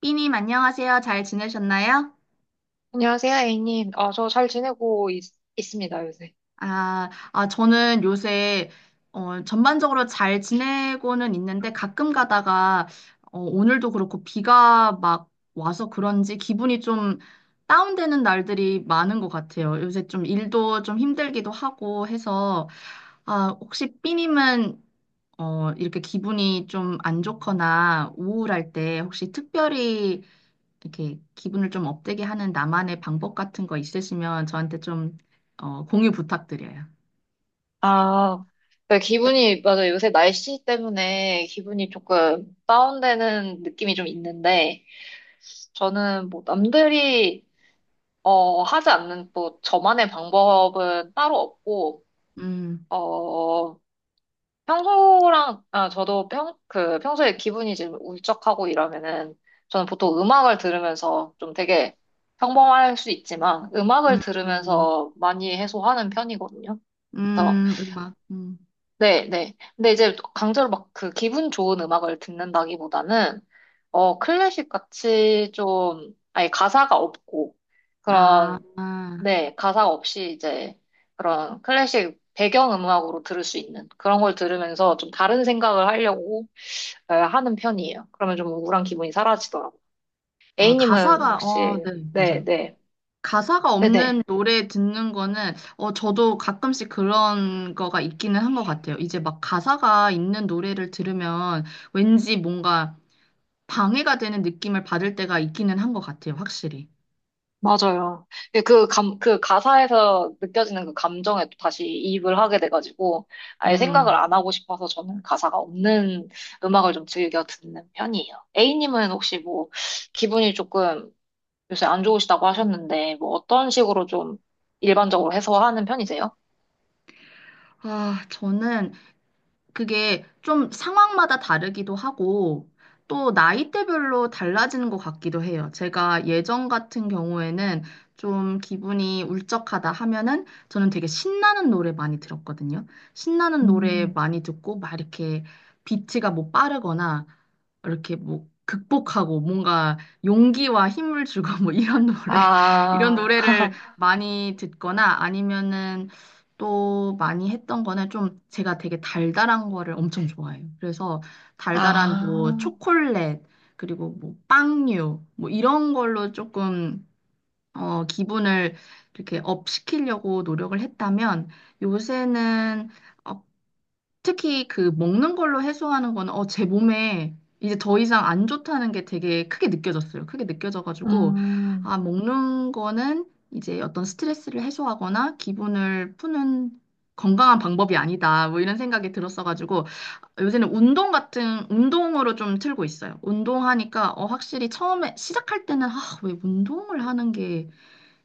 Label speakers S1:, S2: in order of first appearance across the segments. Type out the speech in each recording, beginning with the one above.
S1: 삐님, 안녕하세요. 잘 지내셨나요?
S2: 안녕하세요, A님. 저 잘 지내고 습니다 요새.
S1: 저는 요새, 전반적으로 잘 지내고는 있는데 가끔 가다가, 오늘도 그렇고 비가 막 와서 그런지 기분이 좀 다운되는 날들이 많은 것 같아요. 요새 좀 일도 좀 힘들기도 하고 해서, 아, 혹시 삐님은, 이렇게 기분이 좀 안 좋거나 우울할 때 혹시 특별히 이렇게 기분을 좀 업되게 하는 나만의 방법 같은 거 있으시면 저한테 좀 공유 부탁드려요.
S2: 아, 네, 맞아요. 요새 날씨 때문에 기분이 조금 다운되는 느낌이 좀 있는데, 저는 뭐 남들이, 하지 않는 또 저만의 방법은 따로 없고,
S1: 음,
S2: 어, 평소랑, 아, 저도 평, 그, 평소에 기분이 좀 울적하고 이러면은, 저는 보통 음악을 들으면서 좀 되게 평범할 수 있지만, 음악을
S1: 음.
S2: 들으면서 많이 해소하는 편이거든요. 그래서,
S1: 음악,
S2: 네, 네. 근데 이제 강제로 막 그 기분 좋은 음악을 듣는다기보다는, 클래식 같이 좀, 아예 가사가 없고,
S1: 아,
S2: 그런
S1: 아,
S2: 네, 가사 없이 이제 그런 클래식 배경 음악으로 들을 수 있는 그런 걸 들으면서 좀 다른 생각을 하려고 하는 편이에요. 그러면 좀 우울한 기분이 사라지더라고요.
S1: 아,
S2: A님은 혹시,
S1: 네,
S2: 네,
S1: 맞아요.
S2: 네,
S1: 가사가
S2: 네네,
S1: 없는 노래 듣는 거는, 저도 가끔씩 그런 거가 있기는 한 것 같아요. 이제 막 가사가 있는 노래를 들으면 왠지 뭔가 방해가 되는 느낌을 받을 때가 있기는 한 것 같아요, 확실히.
S2: 맞아요. 그 가사에서 느껴지는 그 감정에 또 다시 이입을 하게 돼가지고 아예 생각을
S1: 음.
S2: 안 하고 싶어서 저는 가사가 없는 음악을 좀 즐겨 듣는 편이에요. A님은 혹시 뭐 기분이 조금 요새 안 좋으시다고 하셨는데, 뭐 어떤 식으로 좀 일반적으로 해소하는 편이세요?
S1: 아, 저는 그게 좀 상황마다 다르기도 하고 또 나이대별로 달라지는 것 같기도 해요. 제가 예전 같은 경우에는 좀 기분이 울적하다 하면은 저는 되게 신나는 노래 많이 들었거든요. 신나는 노래
S2: 음.
S1: 많이 듣고 막 이렇게 비트가 뭐 빠르거나 이렇게 뭐 극복하고 뭔가 용기와 힘을 주고 뭐 이런 노래 이런
S2: 아.
S1: 노래를 많이 듣거나 아니면은 또 많이 했던 거는 좀 제가 되게 달달한 거를 엄청 좋아해요. 그래서 달달한 뭐
S2: 아.
S1: 초콜릿 그리고 뭐 빵류 뭐 이런 걸로 조금 기분을 이렇게 업 시키려고 노력을 했다면 요새는 어, 특히 그 먹는 걸로 해소하는 거는 제 몸에 이제 더 이상 안 좋다는 게 되게 크게 느껴졌어요. 크게 느껴져가지고
S2: 음.
S1: 아, 먹는 거는 이제 어떤 스트레스를 해소하거나 기분을 푸는 건강한 방법이 아니다. 뭐 이런 생각이 들었어가지고 요새는 운동 같은 운동으로 좀 틀고 있어요. 운동하니까 확실히 처음에 시작할 때는 아, 왜 운동을 하는 게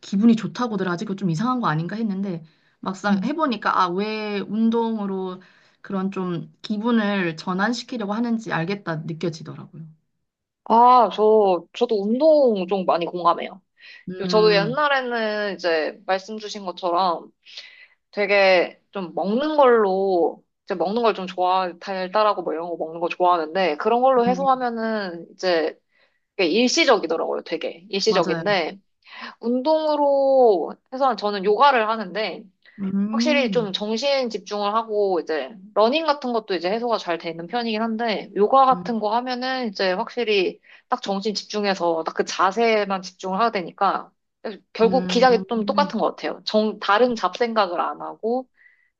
S1: 기분이 좋다고들 아직 좀 이상한 거 아닌가 했는데 막상
S2: 음,
S1: 해보니까 아, 왜 운동으로 그런 좀 기분을 전환시키려고 하는지 알겠다 느껴지더라고요.
S2: 저도 운동 좀 많이 공감해요. 저도
S1: 음,
S2: 옛날에는 이제 말씀 주신 것처럼 되게 좀 먹는 걸로, 이제 먹는 걸 달달하고 뭐 이런 거 먹는 거 좋아하는데, 그런 걸로
S1: 음,
S2: 해소하면은 이제 그게 일시적이더라고요, 되게.
S1: 맞아요.
S2: 일시적인데, 운동으로 해서는 저는 요가를 하는데 확실히 좀
S1: 음,
S2: 정신 집중을 하고 이제 러닝 같은 것도 이제 해소가 잘 되는 편이긴 한데 요가
S1: 음,
S2: 같은 거 하면은 이제 확실히 딱 정신 집중해서 딱 그 자세만 집중을 하게 되니까 결국 기작이 좀
S1: 음,
S2: 똑같은 것 같아요. 다른 잡생각을 안 하고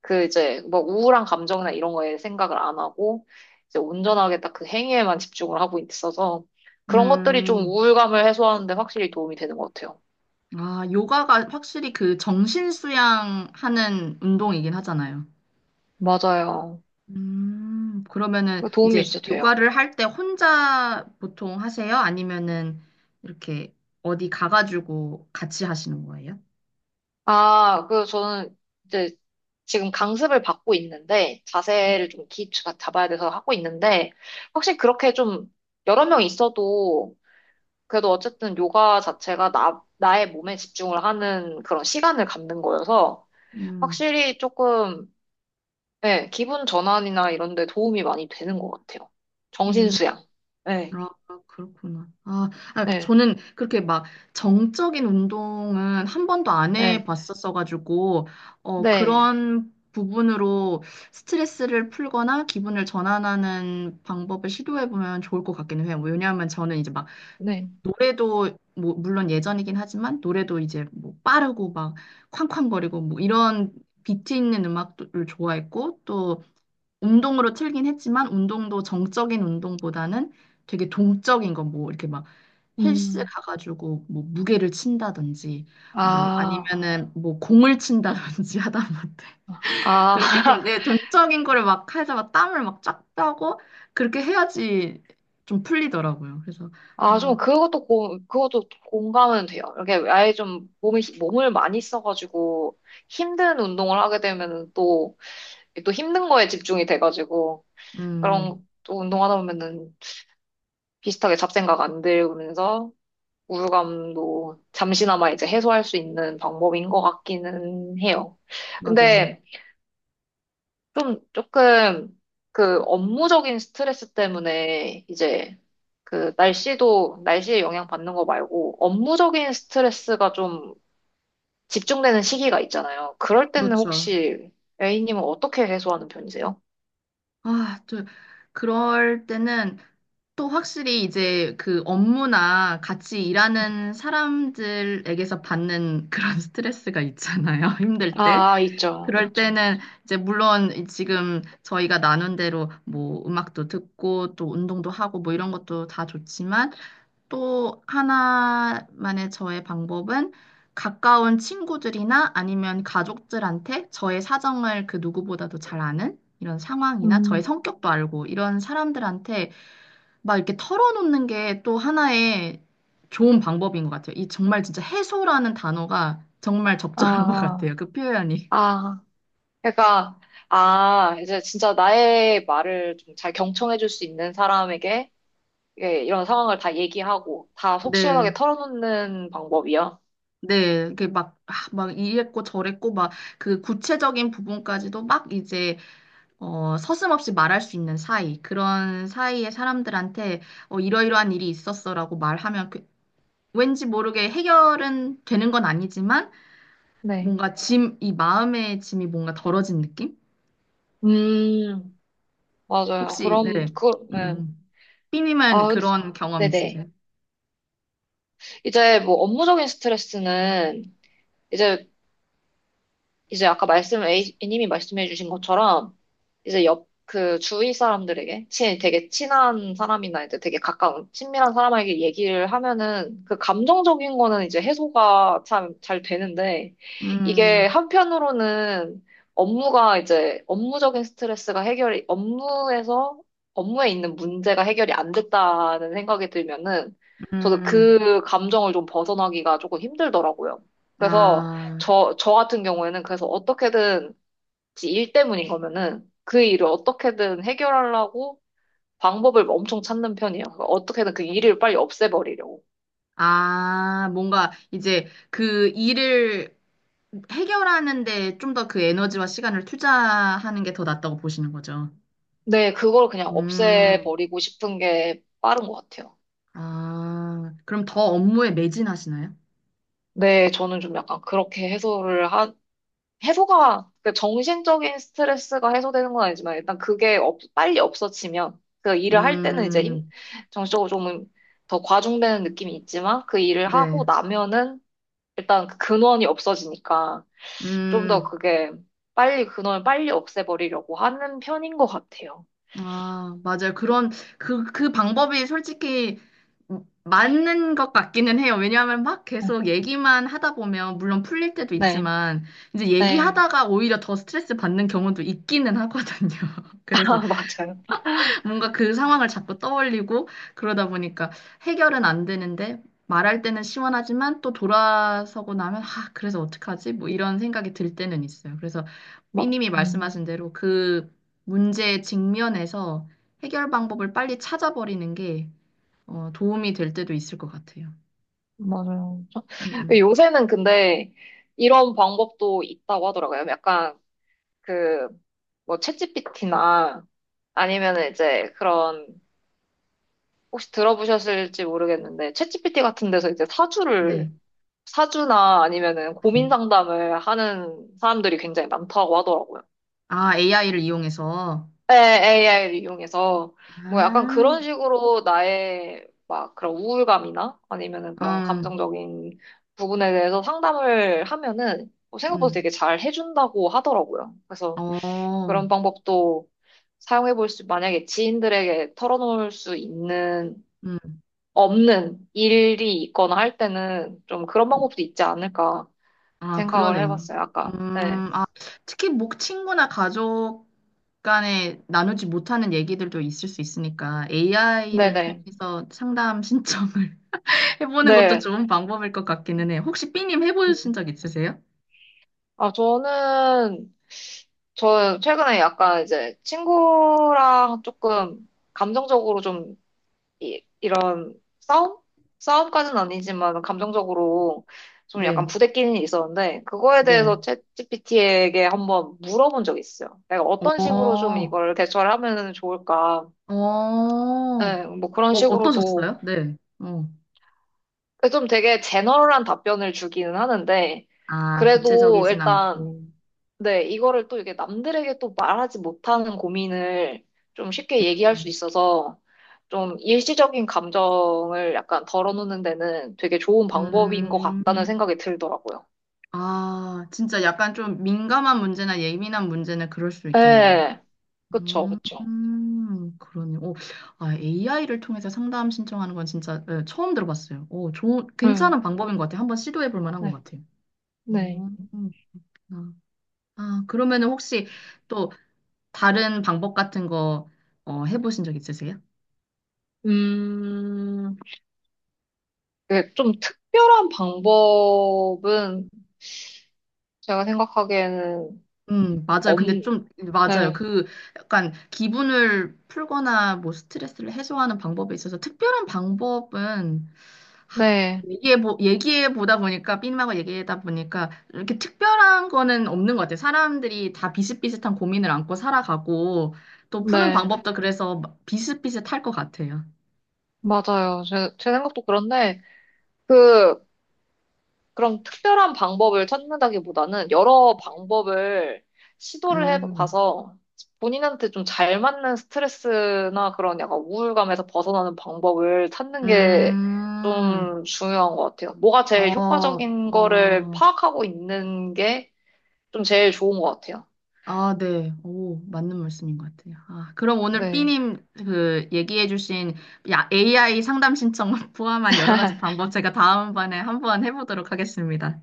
S2: 그 이제 뭐 우울한 감정이나 이런 거에 생각을 안 하고 이제 온전하게 딱 그 행위에만 집중을 하고 있어서 그런 것들이 좀
S1: 음.
S2: 우울감을 해소하는데 확실히 도움이 되는 것 같아요.
S1: 아, 요가가 확실히 그 정신 수양하는 운동이긴 하잖아요.
S2: 맞아요.
S1: 그러면은
S2: 그
S1: 이제
S2: 도움이
S1: 네.
S2: 진짜 돼요.
S1: 요가를 할 때 혼자 보통 하세요? 아니면은 이렇게 어디 가가지고 같이 하시는 거예요?
S2: 저는 이제 지금 강습을 받고 있는데 자세를 좀 기초가 잡아야 돼서 하고 있는데 확실히 그렇게 좀 여러 명 있어도 그래도 어쨌든 요가 자체가 나의 몸에 집중을 하는 그런 시간을 갖는 거여서
S1: 음,
S2: 확실히 조금 예 기분 전환이나 이런 데 도움이 많이 되는 것 같아요. 정신
S1: 음,
S2: 수양. 네,
S1: 아, 아, 그렇구나. 아, 아,
S2: 네,
S1: 저는 그렇게 막 정적인 운동은 한 번도 안
S2: 네,
S1: 해봤었어가지고,
S2: 네,
S1: 그런 부분으로 스트레스를 풀거나 기분을 전환하는 방법을 시도해보면 좋을 것 같기는 해요. 왜냐하면 저는 이제 막
S2: 네.
S1: 노래도 뭐 물론 예전이긴 하지만 노래도 이제 뭐 빠르고 막 쾅쾅거리고 뭐 이런 비트 있는 음악을 좋아했고 또 운동으로 틀긴 했지만 운동도 정적인 운동보다는 되게 동적인 거 뭐 이렇게 막 헬스
S2: 음.
S1: 가가지고 뭐 무게를 친다든지 뭐
S2: 아,
S1: 아니면은 뭐 공을 친다든지 하다못해 그렇게 좀
S2: 아.
S1: 내 동적인 거를 막 해서 막 땀을 막 쫙 빼고 그렇게 해야지 좀 풀리더라고요. 그래서 아,
S2: 좀 그것도 공감은 돼요. 이렇게 아예 좀 몸을 많이 써가지고 힘든 운동을 하게 되면은 또 힘든 거에 집중이 돼가지고
S1: 음.
S2: 그런 또 운동하다 보면은 비슷하게 잡생각 안 들면서 우울감도 잠시나마 이제 해소할 수 있는 방법인 것 같기는 해요.
S1: 맞아요.
S2: 근데 좀 조금 그 업무적인 스트레스 때문에 이제 그 날씨도 날씨에 영향 받는 거 말고 업무적인 스트레스가 좀 집중되는 시기가 있잖아요. 그럴 때는
S1: 그렇죠.
S2: 혹시 A님은 어떻게 해소하는 편이세요?
S1: 아, 저, 그럴 때는 또 확실히 이제 그 업무나 같이 일하는 사람들에게서 받는 그런 스트레스가 있잖아요. 힘들 때.
S2: 아, 있죠,
S1: 그럴
S2: 있죠.
S1: 때는 이제 물론 지금 저희가 나눈 대로 뭐 음악도 듣고 또 운동도 하고 뭐 이런 것도 다 좋지만 또 하나만의 저의 방법은 가까운 친구들이나 아니면 가족들한테 저의 사정을 그 누구보다도 잘 아는 이런 상황이나 저의
S2: 음,
S1: 성격도 알고 이런 사람들한테 막 이렇게 털어놓는 게 또 하나의 좋은 방법인 것 같아요. 이 정말 진짜 해소라는 단어가 정말 적절한 것
S2: 아,
S1: 같아요. 그 표현이.
S2: 아, 그러니까, 아, 이제 진짜 나의 말을 좀 잘 경청해줄 수 있는 사람에게 예, 이런 상황을 다 얘기하고 다 속 시원하게
S1: 네.
S2: 털어놓는 방법이요.
S1: 네, 이게 막, 아, 막 이랬고 저랬고 막 그 구체적인 부분까지도 막 이제 서슴없이 말할 수 있는 사이, 그런 사이의 사람들한테 이러이러한 일이 있었어라고 말하면 왠지 모르게 해결은 되는 건 아니지만
S2: 네.
S1: 뭔가 짐, 이 마음의 짐이 뭔가 덜어진 느낌?
S2: 음, 맞아요.
S1: 혹시, 네.
S2: 그럼, 예.
S1: 음. 삐님은
S2: 아, 근데,
S1: 그런 경험
S2: 네네.
S1: 있으세요?
S2: 이제 뭐 업무적인 스트레스는 이제 이제 아까 A님이 말씀해 주신 것처럼, 이제 옆, 그 주위 사람들에게, 되게 친한 사람이나 이제 되게 가까운, 친밀한 사람에게 얘기를 하면은, 그 감정적인 거는 이제 해소가 참 잘 되는데, 이게
S1: 음,
S2: 한편으로는 업무가 이제, 업무적인 스트레스가 해결이, 업무에서, 업무에 있는 문제가 해결이 안 됐다는 생각이 들면은, 저도
S1: 음,
S2: 그 감정을 좀 벗어나기가 조금 힘들더라고요. 그래서,
S1: 아,
S2: 저 같은 경우에는 그래서 어떻게든 지 일 때문인 거면은 그 일을 어떻게든 해결하려고 방법을 엄청 찾는 편이에요. 그러니까 어떻게든 그 일을 빨리 없애버리려고.
S1: 아, 뭔가 이제 그 일을 해결하는데 좀 더 그 에너지와 시간을 투자하는 게 더 낫다고 보시는 거죠.
S2: 네, 그걸 그냥
S1: 음.
S2: 없애버리고 싶은 게 빠른 것 같아요.
S1: 아, 그럼 더 업무에 매진하시나요?
S2: 네, 저는 좀 약간 그렇게 해소가, 그 정신적인 스트레스가 해소되는 건 아니지만 일단 그게 빨리 없어지면 그 일을 할 때는 이제
S1: 음,
S2: 정신적으로 좀 더 과중되는 느낌이 있지만 그 일을 하고
S1: 네.
S2: 나면은 일단 그 근원이 없어지니까 좀 더
S1: 음,
S2: 그게 빨리 근원을 빨리 없애버리려고 하는 편인 것 같아요.
S1: 아, 맞아요. 그 방법이 솔직히 맞는 것 같기는 해요. 왜냐하면 막 계속 얘기만 하다 보면, 물론 풀릴 때도
S2: 네,
S1: 있지만, 이제
S2: 네,
S1: 얘기하다가 오히려 더 스트레스 받는 경우도 있기는 하거든요. 그래서
S2: 아, 맞아요.
S1: 뭔가 그 상황을 자꾸 떠올리고 그러다 보니까 해결은 안 되는데 말할 때는 시원하지만 또 돌아서고 나면 아, 그래서 어떡하지? 뭐 이런 생각이 들 때는 있어요. 그래서
S2: 마,
S1: 삐님이
S2: 음,
S1: 말씀하신 대로 그 문제의 직면에서 해결 방법을 빨리 찾아버리는 게 도움이 될 때도 있을 것 같아요.
S2: 맞아요.
S1: 음, 음.
S2: 요새는 근데 이런 방법도 있다고 하더라고요. 약간 그 뭐 챗GPT나 아니면 이제 그런 혹시 들어보셨을지 모르겠는데 챗GPT 같은 데서 이제 사주를
S1: 네.
S2: 사주나 아니면은 고민
S1: 네.
S2: 상담을 하는 사람들이 굉장히 많다고 하더라고요.
S1: 아, AI를 이용해서.
S2: 네, AI를 이용해서 뭐 약간 그런
S1: 아,
S2: 식으로 나의 막 그런 우울감이나 아니면은 그런
S1: 음,
S2: 감정적인 부분에 대해서 상담을 하면은 뭐 생각보다
S1: 음.
S2: 되게 잘 해준다고 하더라고요. 그래서
S1: 어,
S2: 그런 방법도 사용해 볼 수, 만약에 지인들에게 털어놓을 수 있는,
S1: 음.
S2: 없는 일이 있거나 할 때는 좀 그런 방법도 있지 않을까
S1: 아,
S2: 생각을
S1: 그러네요.
S2: 해봤어요, 아까. 네.
S1: 아, 특히 목 친구나 가족 간에 나누지 못하는 얘기들도 있을 수 있으니까 AI를
S2: 네네.
S1: 통해서 상담 신청을 해보는 것도
S2: 네.
S1: 좋은 방법일 것 같기는 해요. 혹시 B님
S2: 음.
S1: 해보신 적 있으세요?
S2: 아, 저는 저 최근에 약간 이제 친구랑 조금 감정적으로 좀 이런 싸움? 싸움까지는 아니지만 감정적으로 좀 약간
S1: 네,
S2: 부대끼는 일이 있었는데 그거에 대해서
S1: 네.
S2: 챗GPT에게 한번 물어본 적이 있어요. 내가 어떤
S1: 어,
S2: 식으로 좀 이걸 대처를 하면 좋을까?
S1: 어, 어,
S2: 네, 뭐 그런 식으로도
S1: 어떠셨어요? 네. 어.
S2: 그 좀 되게 제너럴한 답변을 주기는 하는데
S1: 아,
S2: 그래도
S1: 구체적이진
S2: 일단
S1: 않고.
S2: 네, 이거를 또 이게 남들에게 또 말하지 못하는 고민을 좀 쉽게 얘기할 수 있어서 좀 일시적인 감정을 약간 덜어놓는 데는 되게 좋은 방법인 것
S1: 음,
S2: 같다는
S1: 음.
S2: 생각이 들더라고요.
S1: 아, 진짜 약간 좀 민감한 문제나 예민한 문제는 그럴 수 있겠네요.
S2: 네, 그쵸, 그쵸.
S1: 그러네요. 오, 아, AI를 통해서 상담 신청하는 건 진짜 예, 처음 들어봤어요. 오, 좋은,
S2: 음,
S1: 괜찮은 방법인 것 같아요. 한번 시도해 볼 만한 것
S2: 네,
S1: 같아요.
S2: 네.
S1: 음, 아, 아, 그러면은 혹시 또 다른 방법 같은 거 해보신 적 있으세요?
S2: 음, 그게 좀 특별한 방법은 제가 생각하기에는
S1: 맞아요.
S2: 엄,
S1: 근데 좀, 맞아요.
S2: 네,
S1: 그 약간 기분을 풀거나 뭐 스트레스를 해소하는 방법에 있어서 특별한 방법은
S2: 네,
S1: 얘기해 보다 보니까, 삐님하고 얘기하다 보니까, 이렇게 특별한 거는 없는 것 같아요. 사람들이 다 비슷비슷한 고민을 안고 살아가고, 또 푸는
S2: 네,
S1: 방법도 그래서 비슷비슷할 것 같아요.
S2: 맞아요. 제 생각도 그런데, 그, 그런 특별한 방법을 찾는다기보다는 여러 방법을 시도를
S1: 음,
S2: 해봐서 본인한테 좀 잘 맞는 스트레스나 그런 약간 우울감에서 벗어나는 방법을 찾는 게
S1: 음,
S2: 좀 중요한 것 같아요. 뭐가 제일
S1: 어,
S2: 효과적인 거를
S1: 어,
S2: 파악하고 있는 게 좀 제일 좋은 것 같아요.
S1: 아, 네. 오, 맞는 말씀인 것 같아요. 아, 그럼 오늘
S2: 네.
S1: 삐님 그 얘기해 주신 AI 상담 신청 포함한 여러 가지 방법 제가 다음번에 한번 해보도록 하겠습니다.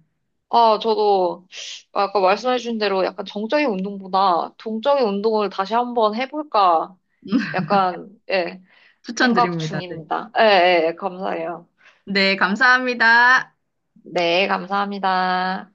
S2: 아, 저도 아까 말씀해주신 대로 약간 정적인 운동보다 동적인 운동을 다시 한번 해볼까? 약간, 예. 생각
S1: 추천드립니다. 네.
S2: 중입니다. 예, 예, 감사해요.
S1: 네, 감사합니다.
S2: 네, 감사합니다.